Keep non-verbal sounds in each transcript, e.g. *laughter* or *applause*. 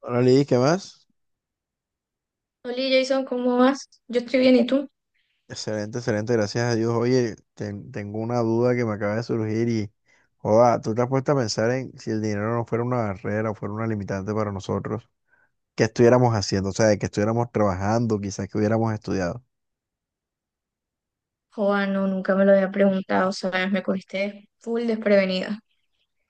Hola Lidis, ¿qué más? Hola Jason, ¿cómo vas? Yo estoy bien, ¿y tú? Excelente, excelente, gracias a Dios. Oye, tengo una duda que me acaba de surgir y, joda, ¿tú te has puesto a pensar en si el dinero no fuera una barrera o fuera una limitante para nosotros? ¿Qué estuviéramos haciendo? O sea, que estuviéramos trabajando, quizás que hubiéramos estudiado. Joa, no, nunca me lo había preguntado, ¿sabes? Me cogiste full desprevenida.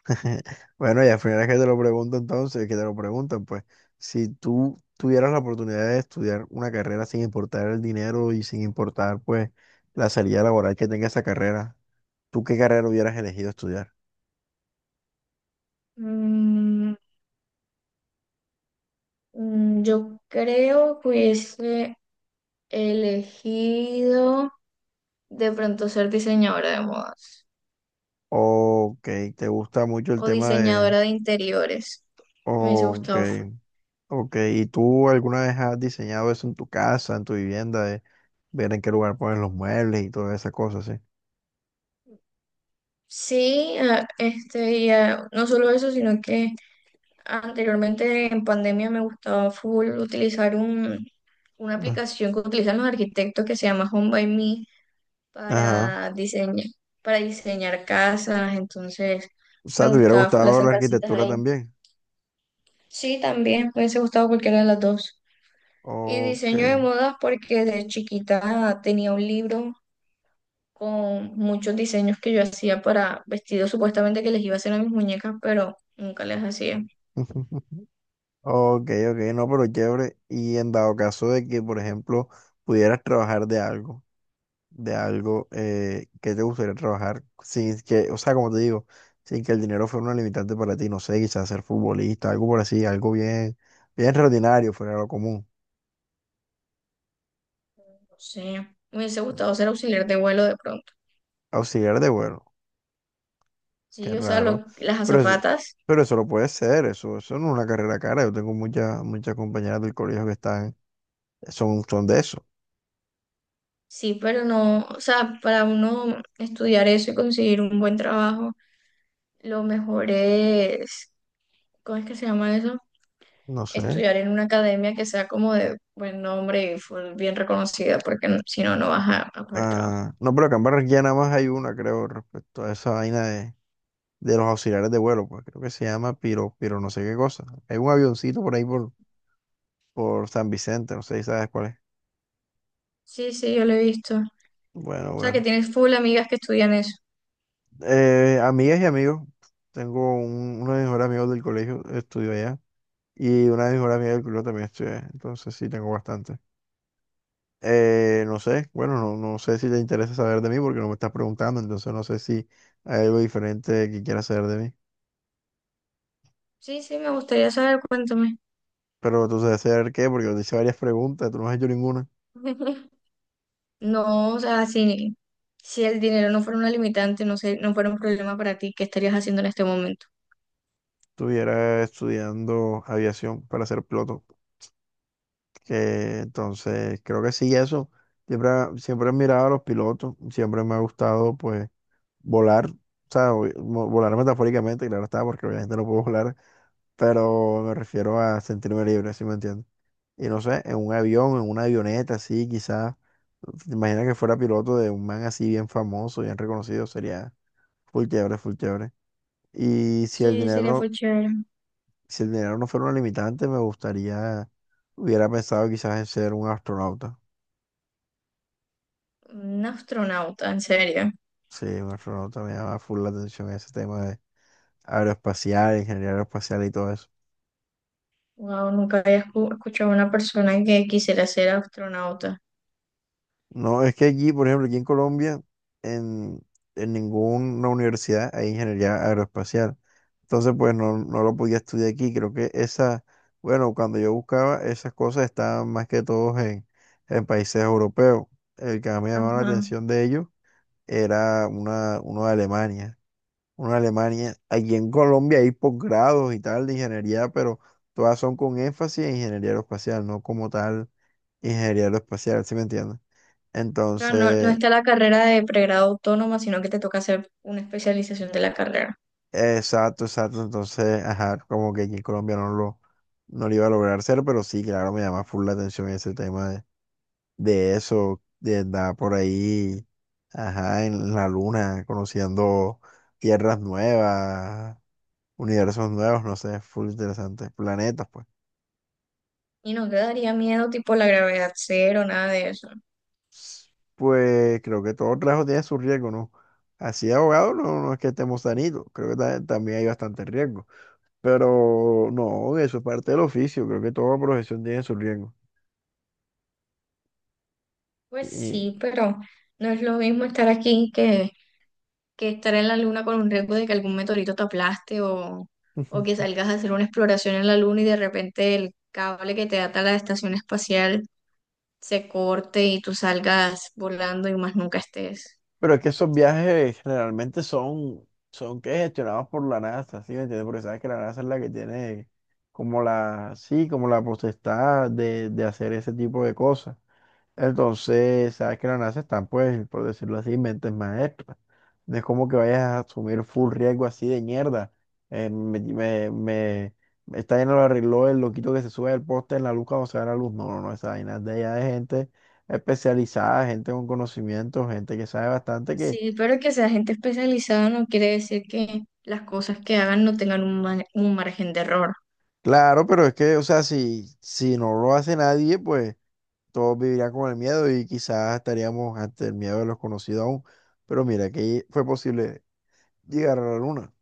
*laughs* Bueno, y al final es que te lo pregunto entonces, que te lo preguntan, pues, si tú tuvieras la oportunidad de estudiar una carrera sin importar el dinero y sin importar, pues, la salida laboral que tenga esa carrera, ¿tú qué carrera hubieras elegido estudiar? Mm, yo creo que hubiese elegido de pronto ser diseñadora de modas Ok, te gusta mucho el o tema de. diseñadora de interiores. Me hubiese Ok, gustado full. ok. ¿Y tú alguna vez has diseñado eso en tu casa, en tu vivienda, de ver en qué lugar pones los muebles y todas esas cosas, sí? Sí, no solo eso, sino que anteriormente en pandemia me gustaba full utilizar una Ah, aplicación que utilizan los arquitectos que se llama Home by Me, ajá. para diseñar, para diseñar casas. Entonces O me sea, ¿te hubiera gustaba full gustado hacer la casitas arquitectura ahí. también? Sí, también me hubiese gustado cualquiera de las dos. Y Ok. diseño de modas, porque de chiquita tenía un libro con muchos diseños que yo hacía para vestidos supuestamente que les iba a hacer a mis muñecas, pero nunca les hacía. No *laughs* Ok, ok, no, pero chévere. Y en dado caso de que, por ejemplo, pudieras trabajar de algo. Que te gustaría trabajar sin que, o sea, como te digo, sin que el dinero fuera una limitante para ti, no sé, quizás ser futbolista, algo por así, algo bien, bien extraordinario, fuera de lo común. sé, me hubiese gustado ser auxiliar de vuelo de pronto. Auxiliar de vuelo, qué Sí, o sea, raro, lo- las pero eso, azafatas. pero eso lo puede ser, eso no es una carrera cara, yo tengo muchas, muchas compañeras del colegio que están, son de eso, Sí, pero no, o sea, para uno estudiar eso y conseguir un buen trabajo, lo mejor es, ¿cómo es que se llama eso? no sé. Estudiar en una academia que sea como de buen nombre y full bien reconocida, porque n- si no, no vas a poder trabajo. Ah, no, pero acá en Barranquilla nada más hay una, creo, respecto a esa vaina de los auxiliares de vuelo, pues creo que se llama Piro, Piro no sé qué cosa. Hay un avioncito por ahí por San Vicente, no sé si sabes cuál es. Sí, sí, yo lo he visto. O Bueno, sea, que bueno. tienes full amigas que estudian eso. Amigas y amigos, tengo uno de mis mejores amigos del colegio, estudió allá, y una de mis mejores amigas del colegio también estudió allá, entonces sí tengo bastante. No sé, bueno, no, no sé si te interesa saber de mí porque no me estás preguntando, entonces no sé si hay algo diferente que quieras saber de mí. Sí, sí, me gustaría saber, cuéntame. Pero tú sabes saber qué, porque yo te hice varias preguntas, tú no has hecho ninguna. *laughs* No, o sea, si el dinero no fuera una limitante, no sé, no fuera un problema para ti, ¿qué estarías haciendo en este momento? Estuviera estudiando aviación para ser piloto. Que, entonces, creo que sí, eso. Siempre, siempre he mirado a los pilotos, siempre me ha gustado, pues, volar. O sea, volar metafóricamente, claro está, porque obviamente no puedo volar, pero me refiero a sentirme libre, ¿sí me entiendes? Y no sé, en un avión, en una avioneta, así, quizás. ¿Te imaginas que fuera piloto de un man así bien famoso, bien reconocido? Sería full chévere, full chévere. Y si el Sí, sería dinero fue chévere. Si el dinero no fuera una limitante, me gustaría, hubiera pensado quizás en ser un astronauta. Un astronauta, ¿en serio? Sí, un astronauta me llama full la atención ese tema de aeroespacial, ingeniería aeroespacial y todo eso. Wow, nunca había escu- escuchado a una persona que quisiera ser astronauta. No, es que aquí, por ejemplo, aquí en Colombia, en, en ninguna universidad hay ingeniería aeroespacial. Entonces, pues no, no lo podía estudiar aquí. Creo que esa, bueno, cuando yo buscaba, esas cosas estaban más que todos en, países europeos. El que más me llamaba la Ajá. atención de ellos era uno de Alemania. Una Alemania. Aquí en Colombia hay posgrados y tal de ingeniería, pero todas son con énfasis en ingeniería aeroespacial, no como tal ingeniería aeroespacial, ¿sí me entiendes? Claro, no, no Entonces, está la carrera de pregrado autónoma, sino que te toca hacer una especialización de la carrera. exacto, exacto. Entonces, ajá, como que aquí en Colombia no lo, iba a lograr hacer, pero sí, claro, me llama full la atención ese tema de eso, de andar por ahí, ajá, en la luna, conociendo tierras nuevas, universos nuevos, no sé, full interesante, planetas, pues. ¿Y no te daría miedo, tipo la gravedad cero, nada de eso? Pues creo que todo trabajo tiene su riesgo, ¿no? Así de abogado no, no es que estemos sanitos, creo que también hay bastante riesgo. Pero no, eso es parte del oficio, creo que toda profesión tiene su riesgo. Pues Y, sí, pero no es lo mismo estar aquí que estar en la luna con un riesgo de que algún meteorito te aplaste, o que Ujú. salgas a hacer una exploración en la luna y de repente el cable que te ata a la estación espacial se corte y tú salgas volando y más nunca estés. Pero es que esos viajes generalmente son, que gestionados por la NASA, ¿sí me entiendes? Porque sabes que la NASA es la que tiene como la, sí, como la potestad de hacer ese tipo de cosas. Entonces, sabes que la NASA están, pues, por decirlo así, mentes maestras. No es como que vayas a asumir full riesgo así de mierda. Eh, me, me, me- Esta vaina lo arregló el loquito que se sube al poste en la luz cuando se da la luz. No, no, no, esa vaina es de allá, de gente especializada, gente con conocimiento, gente que sabe bastante que. Sí, pero que sea gente especializada no quiere decir que las cosas que hagan no tengan un, ma- un margen de error. Claro, pero es que, o sea, si, no lo hace nadie, pues todos vivirían con el miedo y quizás estaríamos ante el miedo de los conocidos aún. Pero mira, que fue posible llegar a la luna.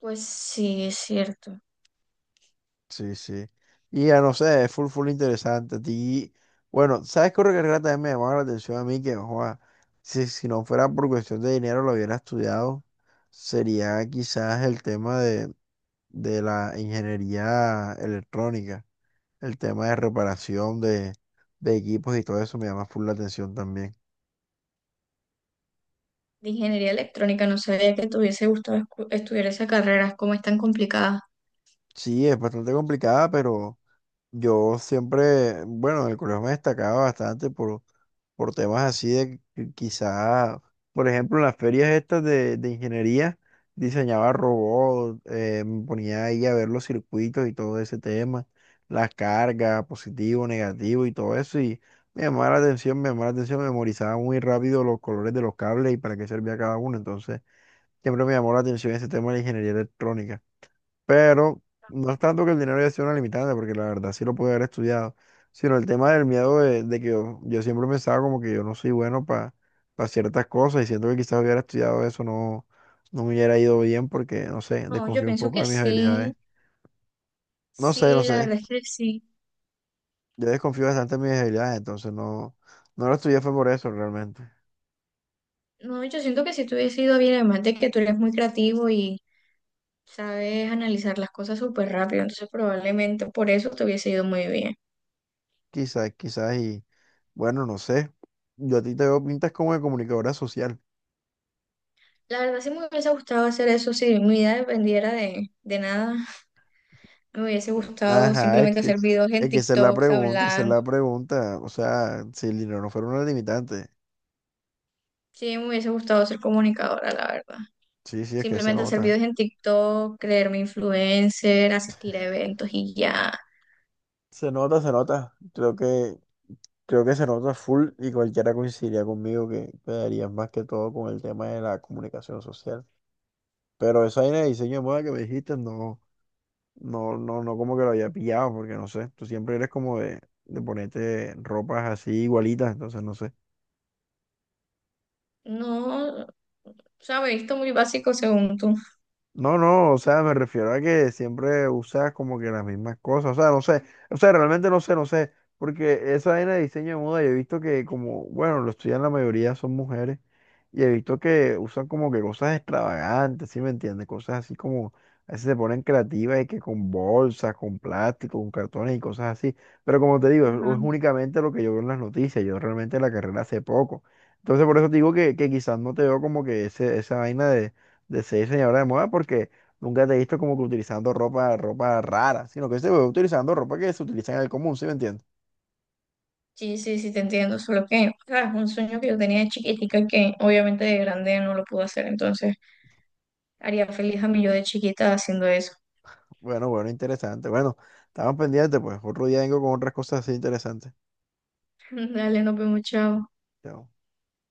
Pues sí, es cierto. Sí, sí. Y ya no sé, es full, full interesante. A ti, bueno, ¿sabes qué otra carrera también me llamaba la atención a mí? Que, joa, si, no fuera por cuestión de dinero, lo hubiera estudiado. Sería quizás el tema de, la ingeniería electrónica, el tema de reparación de equipos y todo eso me llama full la atención también. De ingeniería electrónica no sabía que te hubiese gustado escu- estudiar esa carrera, como es tan complicada. Sí, es bastante complicada, pero yo siempre, bueno, en el colegio me destacaba bastante por temas así de que quizá, por ejemplo, en las ferias estas de ingeniería, diseñaba robots, me ponía ahí a ver los circuitos y todo ese tema, las cargas, positivo, negativo y todo eso, y me llamaba la atención, me llamaba la atención, memorizaba muy rápido los colores de los cables y para qué servía cada uno, entonces siempre me llamó la atención ese tema de la ingeniería electrónica. Pero no es tanto que el dinero haya sido una limitante, porque la verdad sí lo pude haber estudiado, sino el tema del miedo de, que yo siempre pensaba como que yo no soy bueno para ciertas cosas y siento que quizás hubiera estudiado eso, no, no me hubiera ido bien porque, no sé, No, yo desconfío un pienso poco que de mis sí, habilidades. No sé, sí, no sé, la verdad es que sí. yo desconfío bastante de mis habilidades, entonces no, no lo estudié fue por eso realmente. No, yo siento que si te hubiese ido bien, además de que tú eres muy creativo y sabes analizar las cosas súper rápido, entonces probablemente por eso te hubiese ido muy bien. Quizás, quizás y bueno, no sé, yo a ti te veo pintas como de comunicadora social. La verdad sí me hubiese gustado hacer eso. Si mi vida dependiera de nada, me hubiese gustado Ajá, es simplemente hacer que, videos en es que esa es la TikToks pregunta, esa es hablando. la pregunta. O sea, si el dinero no fuera una limitante. Sí, me hubiese gustado ser comunicadora, la verdad. Sí, sí, es que se Simplemente hacer nota. videos en TikTok, creerme influencer, asistir a eventos y ya. Se nota, se nota. creo que se nota full, y cualquiera coincidiría conmigo que quedarías más que todo con el tema de la comunicación social. Pero esa idea de diseño de moda que me dijiste, no, no, no, no como que lo había pillado, porque no sé, tú siempre eres como de ponerte ropas así igualitas, entonces no sé. No, o sea, me he visto muy básico según tú. No, no, o sea, me refiero a que siempre usas como que las mismas cosas, o sea, no sé, o sea, realmente no sé, no sé, porque esa vaina de diseño de moda, yo he visto que como, bueno, lo estudian la mayoría son mujeres, y he visto que usan como que cosas extravagantes, ¿sí me entiendes? Cosas así como, a veces se ponen creativas y que con bolsas, con plástico, con cartones y cosas así, pero como te digo, es, Ajá. es únicamente lo que yo veo en las noticias, yo realmente la carrera hace poco, entonces por eso te digo que, quizás no te veo como que ese, esa vaina de ser diseñadora de moda porque nunca te he visto como que utilizando ropa, ropa rara, sino que se ve utilizando ropa que se utiliza en el común, ¿sí me entiendes? Sí, sí, sí, te entiendo, solo que, o sea, es un sueño que yo tenía de chiquitica que obviamente de grande no lo pude hacer, entonces haría feliz a mí yo de chiquita haciendo eso. Bueno, bueno, interesante. Bueno, estamos pendientes, pues otro día vengo con otras cosas así interesantes. *laughs* Dale, nos vemos, chao. Chao.